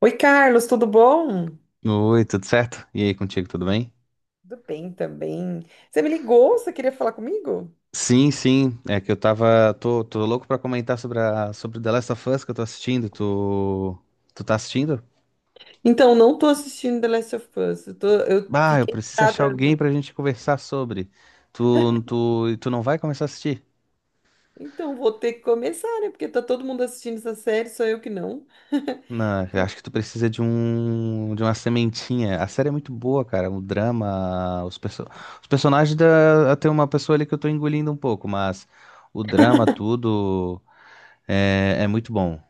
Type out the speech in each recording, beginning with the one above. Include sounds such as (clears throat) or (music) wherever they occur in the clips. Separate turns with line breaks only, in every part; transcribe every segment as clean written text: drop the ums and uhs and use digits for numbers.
Oi, Carlos, tudo bom?
Oi, tudo certo? E aí, contigo, tudo bem?
Tudo bem também. Você me ligou? Você queria falar comigo?
Sim, sim, é que eu tô louco pra comentar sobre The Last of Us que eu tô assistindo, tu tá assistindo?
Então, não tô assistindo The Last of Us. Eu
Ah, eu
fiquei
preciso achar
parada.
alguém pra gente conversar e tu não vai começar a assistir?
Então, vou ter que começar, né? Porque tá todo mundo assistindo essa série, só eu que não. (laughs)
Não, eu acho que tu precisa de uma sementinha, a série é muito boa, cara, o drama, os personagens, tem uma pessoa ali que eu tô engolindo um pouco, mas o drama, tudo, é muito bom,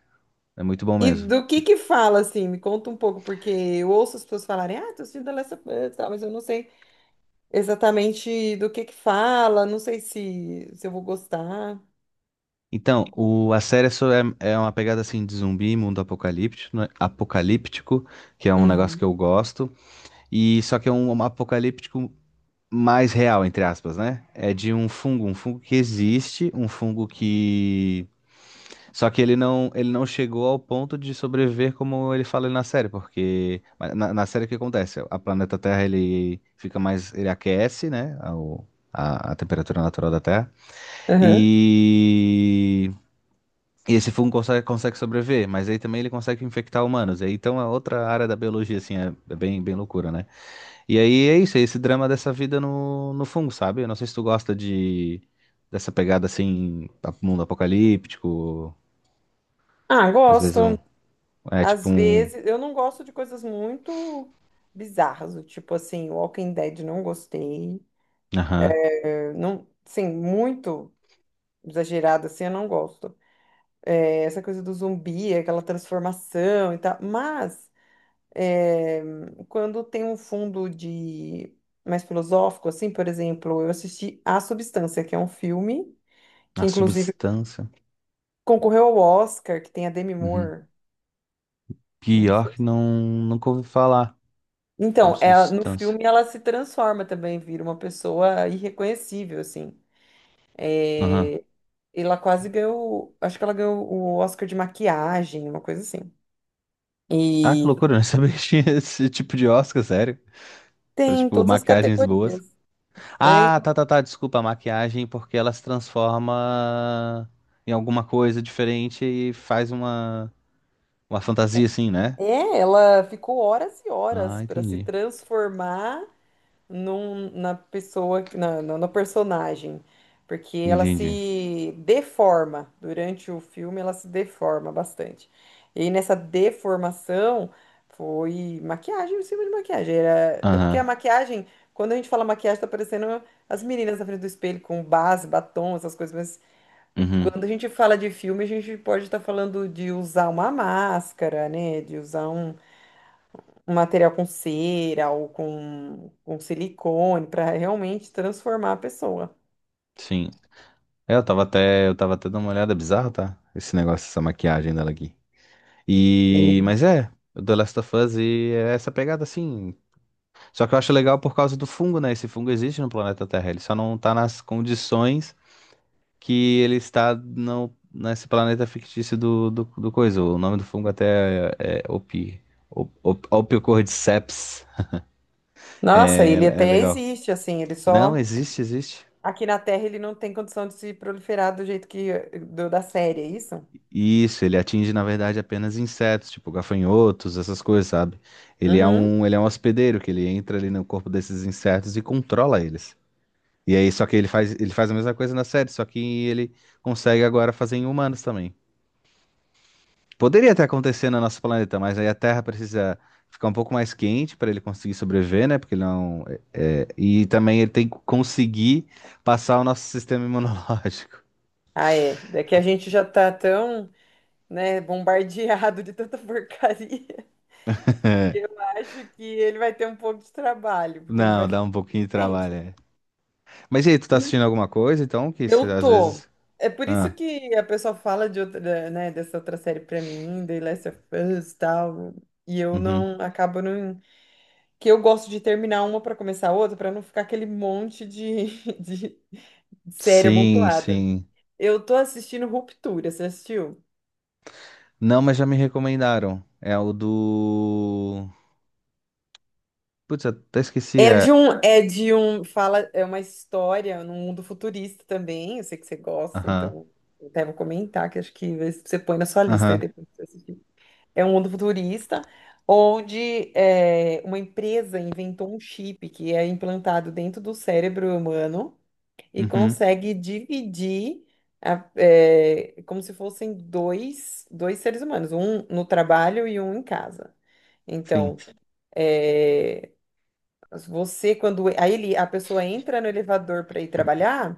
é muito bom
E
mesmo.
do que fala, assim? Me conta um pouco, porque eu ouço as pessoas falarem, ah, tô assistindo The Last of Us, tal, mas eu não sei exatamente do que fala, não sei se eu vou gostar.
Então, a série é uma pegada assim de zumbi, mundo apocalíptico, né? Que é um negócio
Uhum.
que eu gosto, e só que é um apocalíptico mais real, entre aspas, né? É de um fungo que existe, um fungo que só que ele não chegou ao ponto de sobreviver como ele fala na série, porque mas na série o que acontece? A planeta Terra ele fica mais, ele aquece, né? A, o- a a temperatura natural da Terra.
Aham.
E e esse fungo consegue sobreviver, mas aí também ele consegue infectar humanos. E aí, então é outra área da biologia, assim, é bem, bem loucura, né? E aí é isso, é esse drama dessa vida no fungo, sabe? Eu não sei se tu gosta de dessa pegada assim, mundo apocalíptico,
Ah,
às vezes
gosto.
um. É tipo
Às
um.
vezes, eu não gosto de coisas muito bizarras, do tipo assim, Walking Dead não gostei.
Aham.
Eu não, sim, muito exagerado assim, eu não gosto. É, essa coisa do zumbi, aquela transformação e tal. Mas é, quando tem um fundo de mais filosófico, assim, por exemplo, eu assisti A Substância, que é um filme que
A
inclusive
substância.
concorreu ao Oscar, que tem a Demi
Uhum.
Moore. Não
Pior
sei.
que não, nunca ouvi falar. A
Então, ela, no
substância.
filme ela se transforma também, vira uma pessoa irreconhecível, assim.
Aham.
É, ela quase ganhou, acho que ela ganhou o Oscar de maquiagem, uma coisa assim.
Ah, que
E
loucura, eu não (laughs) sabia que tinha esse tipo de Oscar, sério. Pra,
tem
tipo,
todas as
maquiagens boas.
categorias. É,
Ah, tá, tá, tá. Desculpa a maquiagem, porque ela se transforma em alguma coisa diferente e faz uma fantasia assim, né?
é, ela ficou horas e
Ah,
horas para se
entendi.
transformar na pessoa, no personagem, porque ela
Entendi.
se deforma durante o filme, ela se deforma bastante. E aí nessa deformação foi maquiagem, em cima de maquiagem. Era, é porque a
Aham.
maquiagem, quando a gente fala maquiagem, tá parecendo as meninas na frente do espelho com base, batom, essas coisas, mas
Uhum.
quando a gente fala de filme, a gente pode estar falando de usar uma máscara, né? De usar um material com cera ou com silicone para realmente transformar a pessoa.
Sim. É, eu tava até dando uma olhada é bizarro, tá? Esse negócio, essa maquiagem dela aqui. Mas é, o The Last of Us é essa pegada assim. Só que eu acho legal por causa do fungo, né? Esse fungo existe no planeta Terra, ele só não tá nas condições que ele está no, nesse planeta fictício do coisa. O nome do fungo até é Opi. Opiocordyceps.
Nossa,
É, é
ele
é
até
legal.
existe, assim, ele
Não,
só.
existe, existe.
Aqui na Terra ele não tem condição de se proliferar do jeito que da série, é isso?
Isso, ele atinge, na verdade, apenas insetos, tipo gafanhotos, essas coisas, sabe? Ele é
Uhum.
um, ele é um hospedeiro, que ele entra ali no corpo desses insetos e controla eles. E aí, só que ele faz a mesma coisa na série, só que ele consegue agora fazer em humanos também. Poderia até acontecer no nosso planeta, mas aí a Terra precisa ficar um pouco mais quente para ele conseguir sobreviver, né? Porque ele não. E também ele tem que conseguir passar o nosso sistema imunológico. (laughs)
Ah, é. É que a gente já tá tão, né, bombardeado de tanta porcaria. (laughs) Eu acho que ele vai ter um pouco de trabalho, porque a gente
Não,
vai
dá
ficar
um pouquinho de
doente,
trabalho,
né?
é. Mas e aí, tu tá assistindo alguma coisa, então? Que isso,
Eu
às
tô.
vezes.
É por isso
Ah,
que a pessoa fala de outra, né, dessa outra série pra mim, The Last of Us e tal. E eu
uhum.
não acabo não. Que eu gosto de terminar uma pra começar a outra, pra não ficar aquele monte de, (laughs) de série
Sim,
amontoada.
sim.
Eu tô assistindo Ruptura, você assistiu?
Não, mas já me recomendaram. É o do. Putz, eu até esqueci. É.
É uma história num mundo futurista também. Eu sei que você gosta,
Aham,
então eu até vou comentar, que acho que você põe na sua lista aí
aham.
depois pra você assistir. É um mundo futurista onde é, uma empresa inventou um chip que é implantado dentro do cérebro humano e
Uhum.
consegue dividir é, como se fossem dois seres humanos, um no trabalho e um em casa. Então,
Sim,
é, você quando aí ele, a pessoa entra no elevador para ir trabalhar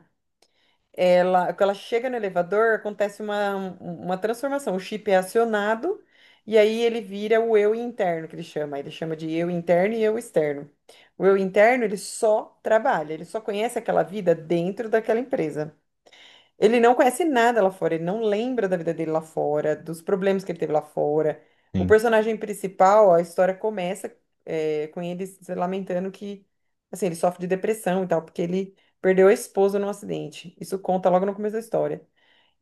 ela, quando ela chega no elevador, acontece uma, uma transformação. O chip é acionado e aí ele vira o eu interno, que ele chama. Ele chama de eu interno e eu externo. O eu interno, ele só trabalha, ele só conhece aquela vida dentro daquela empresa. Ele não conhece nada lá fora, ele não lembra da vida dele lá fora, dos problemas que ele teve lá fora. O
sim.
personagem principal, a história começa é, com ele se lamentando que, assim, ele sofre de depressão e tal, porque ele perdeu a esposa num acidente. Isso conta logo no começo da história.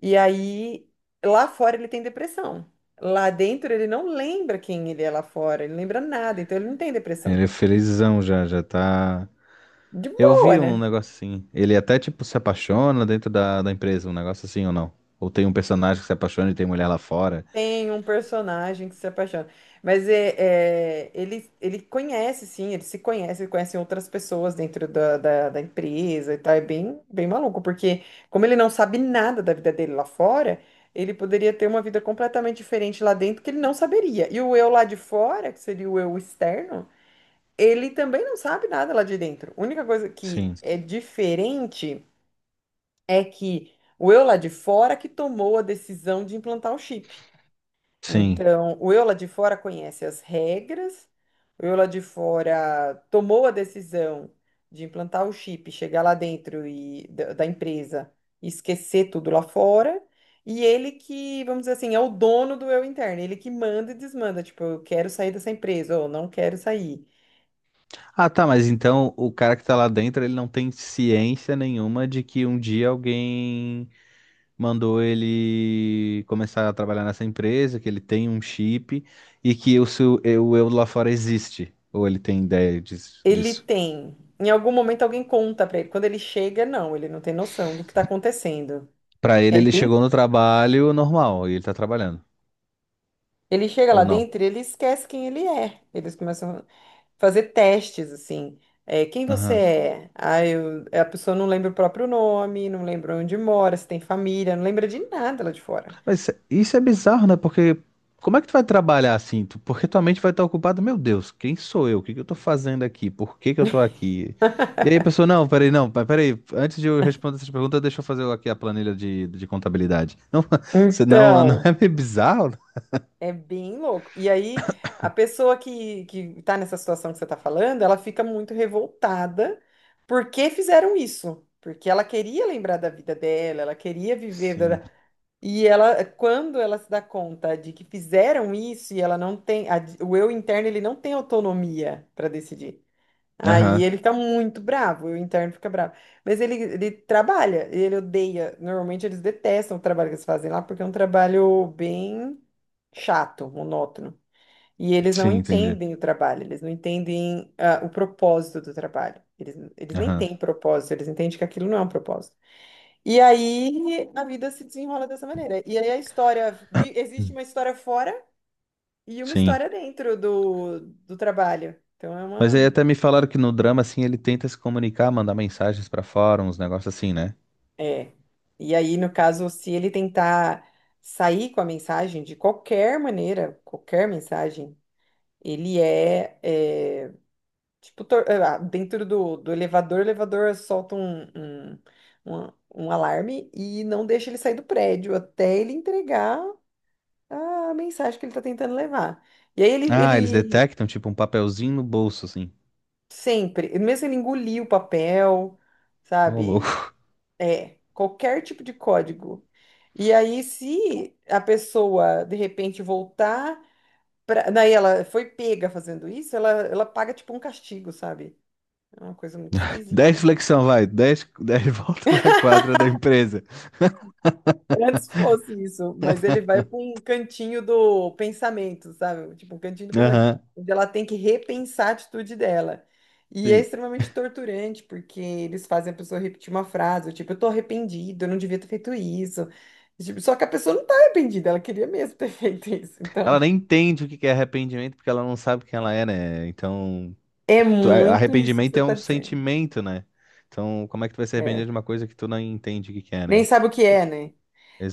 E aí, lá fora ele tem depressão. Lá dentro ele não lembra quem ele é lá fora, ele não lembra nada, então ele não tem depressão.
Ele é felizão já, já tá.
De
Eu
boa,
vi um
né?
negócio assim. Ele até, tipo, se apaixona dentro da empresa, um negócio assim ou não? Ou tem um personagem que se apaixona e tem mulher lá fora?
Tem um personagem que se apaixona. Mas é, ele conhece, sim, ele se conhece, ele conhece outras pessoas dentro da empresa e tal. É bem, bem maluco, porque como ele não sabe nada da vida dele lá fora, ele poderia ter uma vida completamente diferente lá dentro que ele não saberia. E o eu lá de fora, que seria o eu externo, ele também não sabe nada lá de dentro. A única coisa que
Sim,
é diferente é que o eu lá de fora que tomou a decisão de implantar o chip.
sim.
Então, o eu lá de fora conhece as regras, o eu lá de fora tomou a decisão de implantar o chip, chegar lá dentro e da empresa e esquecer tudo lá fora, e ele que, vamos dizer assim, é o dono do eu interno, ele que manda e desmanda, tipo, eu quero sair dessa empresa ou não quero sair.
Ah, tá, mas então o cara que tá lá dentro, ele não tem ciência nenhuma de que um dia alguém mandou ele começar a trabalhar nessa empresa, que ele tem um chip e que o eu lá fora existe. Ou ele tem ideia
Ele
disso.
tem, em algum momento alguém conta pra ele, quando ele chega, não, ele não tem noção do que tá acontecendo.
Pra ele,
É
ele
bem,
chegou no trabalho normal e ele tá trabalhando.
ele chega lá
Ou não?
dentro e ele esquece quem ele é. Eles começam fazer testes, assim. É, quem você
Aham.
é? Ah, eu, é, a pessoa não lembra o próprio nome, não lembra onde mora, se tem família, não lembra de nada lá de fora.
Mas isso é bizarro, né? Porque como é que tu vai trabalhar assim? Porque tua mente vai estar ocupada, meu Deus, quem sou eu? O que que eu tô fazendo aqui? Por que que eu tô aqui? E aí, a pessoa, não, peraí, não, peraí, antes de eu responder essas perguntas, deixa eu fazer aqui a planilha de contabilidade. Não, (laughs) senão não é
Então,
meio bizarro?
é bem louco. E aí, a pessoa que tá nessa situação que você tá falando, ela fica muito revoltada porque fizeram isso. Porque ela queria lembrar da vida dela, ela queria viver. da-
Sim.
da- E ela, quando ela se dá conta de que fizeram isso e ela não tem, o eu interno ele não tem autonomia para decidir. Aí
Aham.
ele fica muito bravo, o interno fica bravo. Mas ele trabalha, ele odeia. Normalmente eles detestam o trabalho que eles fazem lá, porque é um trabalho bem chato, monótono. E eles não
Sim, entendi.
entendem o trabalho, eles não entendem o propósito do trabalho. Eles nem
Aham.
têm propósito, eles entendem que aquilo não é um propósito. E aí a vida se desenrola dessa maneira. E aí a história, existe
Hum.
uma história fora e uma
Sim.
história dentro do trabalho. Então é
Mas aí
uma.
até me falaram que no drama, assim, ele tenta se comunicar, mandar mensagens pra fora, uns negócios assim, né?
É. E aí, no caso, se ele tentar sair com a mensagem de qualquer maneira, qualquer mensagem, ele é, é, tipo, dentro do elevador, o elevador solta um alarme e não deixa ele sair do prédio até ele entregar a mensagem que ele está tentando levar. E aí ele,
Ah, eles
ele
detectam, tipo, um papelzinho no bolso, assim.
sempre, mesmo ele engolir o papel,
Ô,
sabe?
louco.
É, qualquer tipo de código. E aí, se a pessoa de repente voltar pra... Daí ela foi pega fazendo isso, ela paga tipo um castigo, sabe? É uma coisa muito
10
esquisita.
flexão, vai. 10 10 (laughs) volta na quadra da empresa.
Antes fosse isso, mas ele vai para um cantinho do pensamento, sabe? Tipo, um cantinho do pensamento,
Aham,
onde ela tem que repensar a atitude dela. E é
sim.
extremamente torturante, porque eles fazem a pessoa repetir uma frase, ou tipo, eu tô arrependido, eu não devia ter feito isso. E, tipo, só que a pessoa não tá arrependida, ela queria mesmo ter (laughs) feito isso. Então,
Ela nem entende o que que é arrependimento, porque ela não sabe quem ela é, né? Então,
é muito isso que
arrependimento
você
é
tá
um
dizendo.
sentimento, né? Então, como é que tu vai se arrepender
É.
de uma coisa que tu não entende o que que é,
Nem
né?
sabe o que é,
Tipo,
né?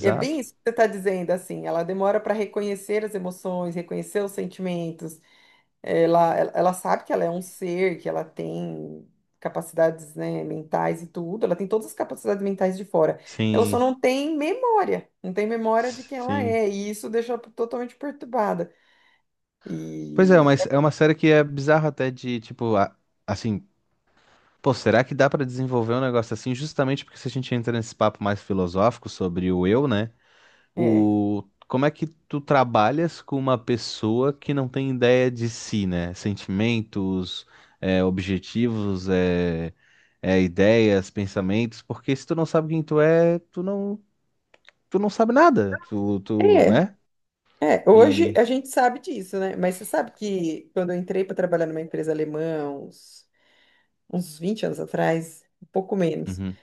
E é bem isso que você está dizendo, assim, ela demora para reconhecer as emoções, reconhecer os sentimentos. Ela, ela sabe que ela é um ser, que ela tem capacidades, né, mentais e tudo, ela tem todas as capacidades mentais de fora. Ela só
Sim,
não tem memória, não tem memória de quem ela
sim.
é, e isso deixa ela totalmente perturbada.
Pois é,
E
mas é uma série que é bizarra até de, tipo, assim, pô, será que dá pra desenvolver um negócio assim justamente porque se a gente entra nesse papo mais filosófico sobre o eu, né?
é,
Como é que tu trabalhas com uma pessoa que não tem ideia de si, né? Sentimentos, objetivos, ideias, pensamentos, porque se tu não sabe quem tu é, tu não sabe nada, tu,
é,
né?
é, hoje
E,
a gente sabe disso, né? Mas você sabe que quando eu entrei para trabalhar numa empresa alemã, uns 20 anos atrás, um pouco menos,
uhum,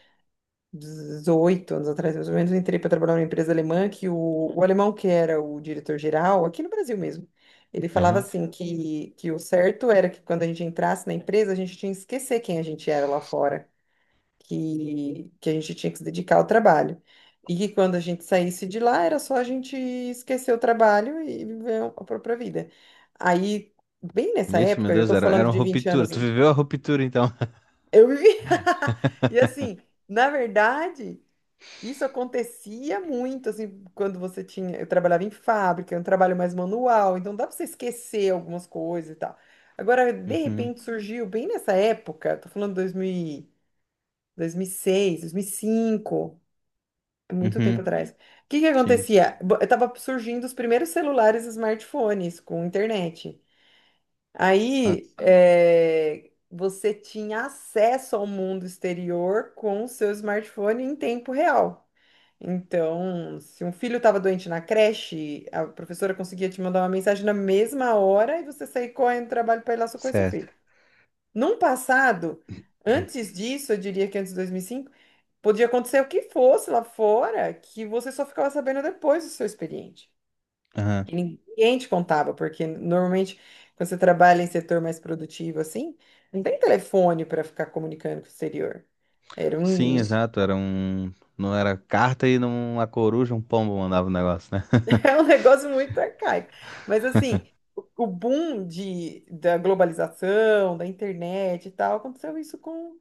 18 anos atrás, mais ou menos, eu entrei para trabalhar numa empresa alemã que o, alemão que era o diretor-geral, aqui no Brasil mesmo, ele falava
aham.
assim que o certo era que quando a gente entrasse na empresa, a gente tinha que esquecer quem a gente era lá fora, que a gente tinha que se dedicar ao trabalho. E que quando a gente saísse de lá, era só a gente esquecer o trabalho e viver a própria vida. Aí, bem nessa
Ixi, meu
época, eu
Deus,
estou
era
falando
uma
de 20
ruptura,
anos
tu
antes,
viveu a ruptura, então. (laughs)
eu vivi. (laughs) E assim, na verdade. Isso acontecia muito, assim, quando você tinha. Eu trabalhava em fábrica, é um trabalho mais manual, então dá pra você esquecer algumas coisas e tal. Agora, de
Uhum,
repente surgiu, bem nessa época, tô falando 2000 e- 2006, 2005, é muito tempo
uhum,
atrás. O que que
sim.
acontecia? Tava surgindo os primeiros celulares e smartphones com internet.
Ah,
Aí, é, você tinha acesso ao mundo exterior com o seu smartphone em tempo real. Então, se um filho estava doente na creche, a professora conseguia te mandar uma mensagem na mesma hora e você sair correndo do trabalho para ir lá socorrer seu
certo.
filho. Num passado,
(clears throat)
antes disso, eu diria que antes de 2005, podia acontecer o que fosse lá fora, que você só ficava sabendo depois do seu expediente.
Aham.
Que ninguém te contava, porque normalmente quando você trabalha em setor mais produtivo assim, não tem telefone para ficar comunicando com o exterior. Era um,
Sim, exato, era um. Não era carta e não uma coruja, um pombo mandava o negócio, né?
É um negócio muito arcaico. Mas assim, o boom de, da globalização, da internet e tal, aconteceu isso com.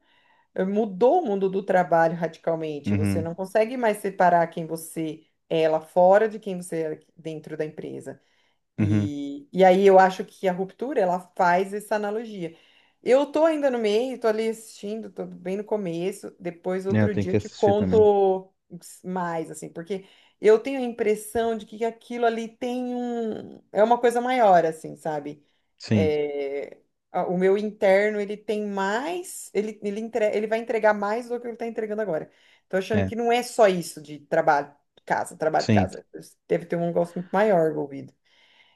Mudou o mundo do trabalho radicalmente. Você
Uhum,
não consegue mais separar quem você é lá fora de quem você é dentro da empresa.
uhum.
E aí eu acho que a ruptura, ela faz essa analogia. Eu tô ainda no meio, tô ali assistindo, tô bem no começo, depois
É, eu
outro
tenho
dia eu
que
te
assistir também.
conto mais, assim, porque eu tenho a impressão de que aquilo ali tem um... é uma coisa maior, assim, sabe?
Sim,
É, o meu interno, ele tem mais, ele vai entregar mais do que ele tá entregando agora. Tô achando
é,
que não é só isso de trabalho, casa, trabalho,
sim.
casa. Deve ter um negócio muito maior envolvido.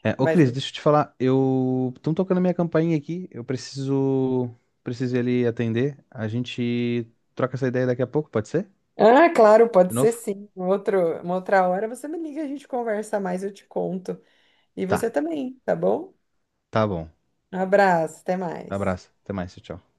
É, ô
Mas,
Cris, deixa eu te falar, eu. Estão tocando minha campainha aqui, eu preciso. Preciso ir ali atender. A gente troca essa ideia daqui a pouco, pode ser?
ah, claro, pode
De
ser
novo?
sim. Um outro, uma outra hora você me liga, a gente conversa mais, eu te conto. E você
Tá,
também, tá bom?
tá bom.
Um abraço, até mais.
Abraço, até mais, tchau. Tchau.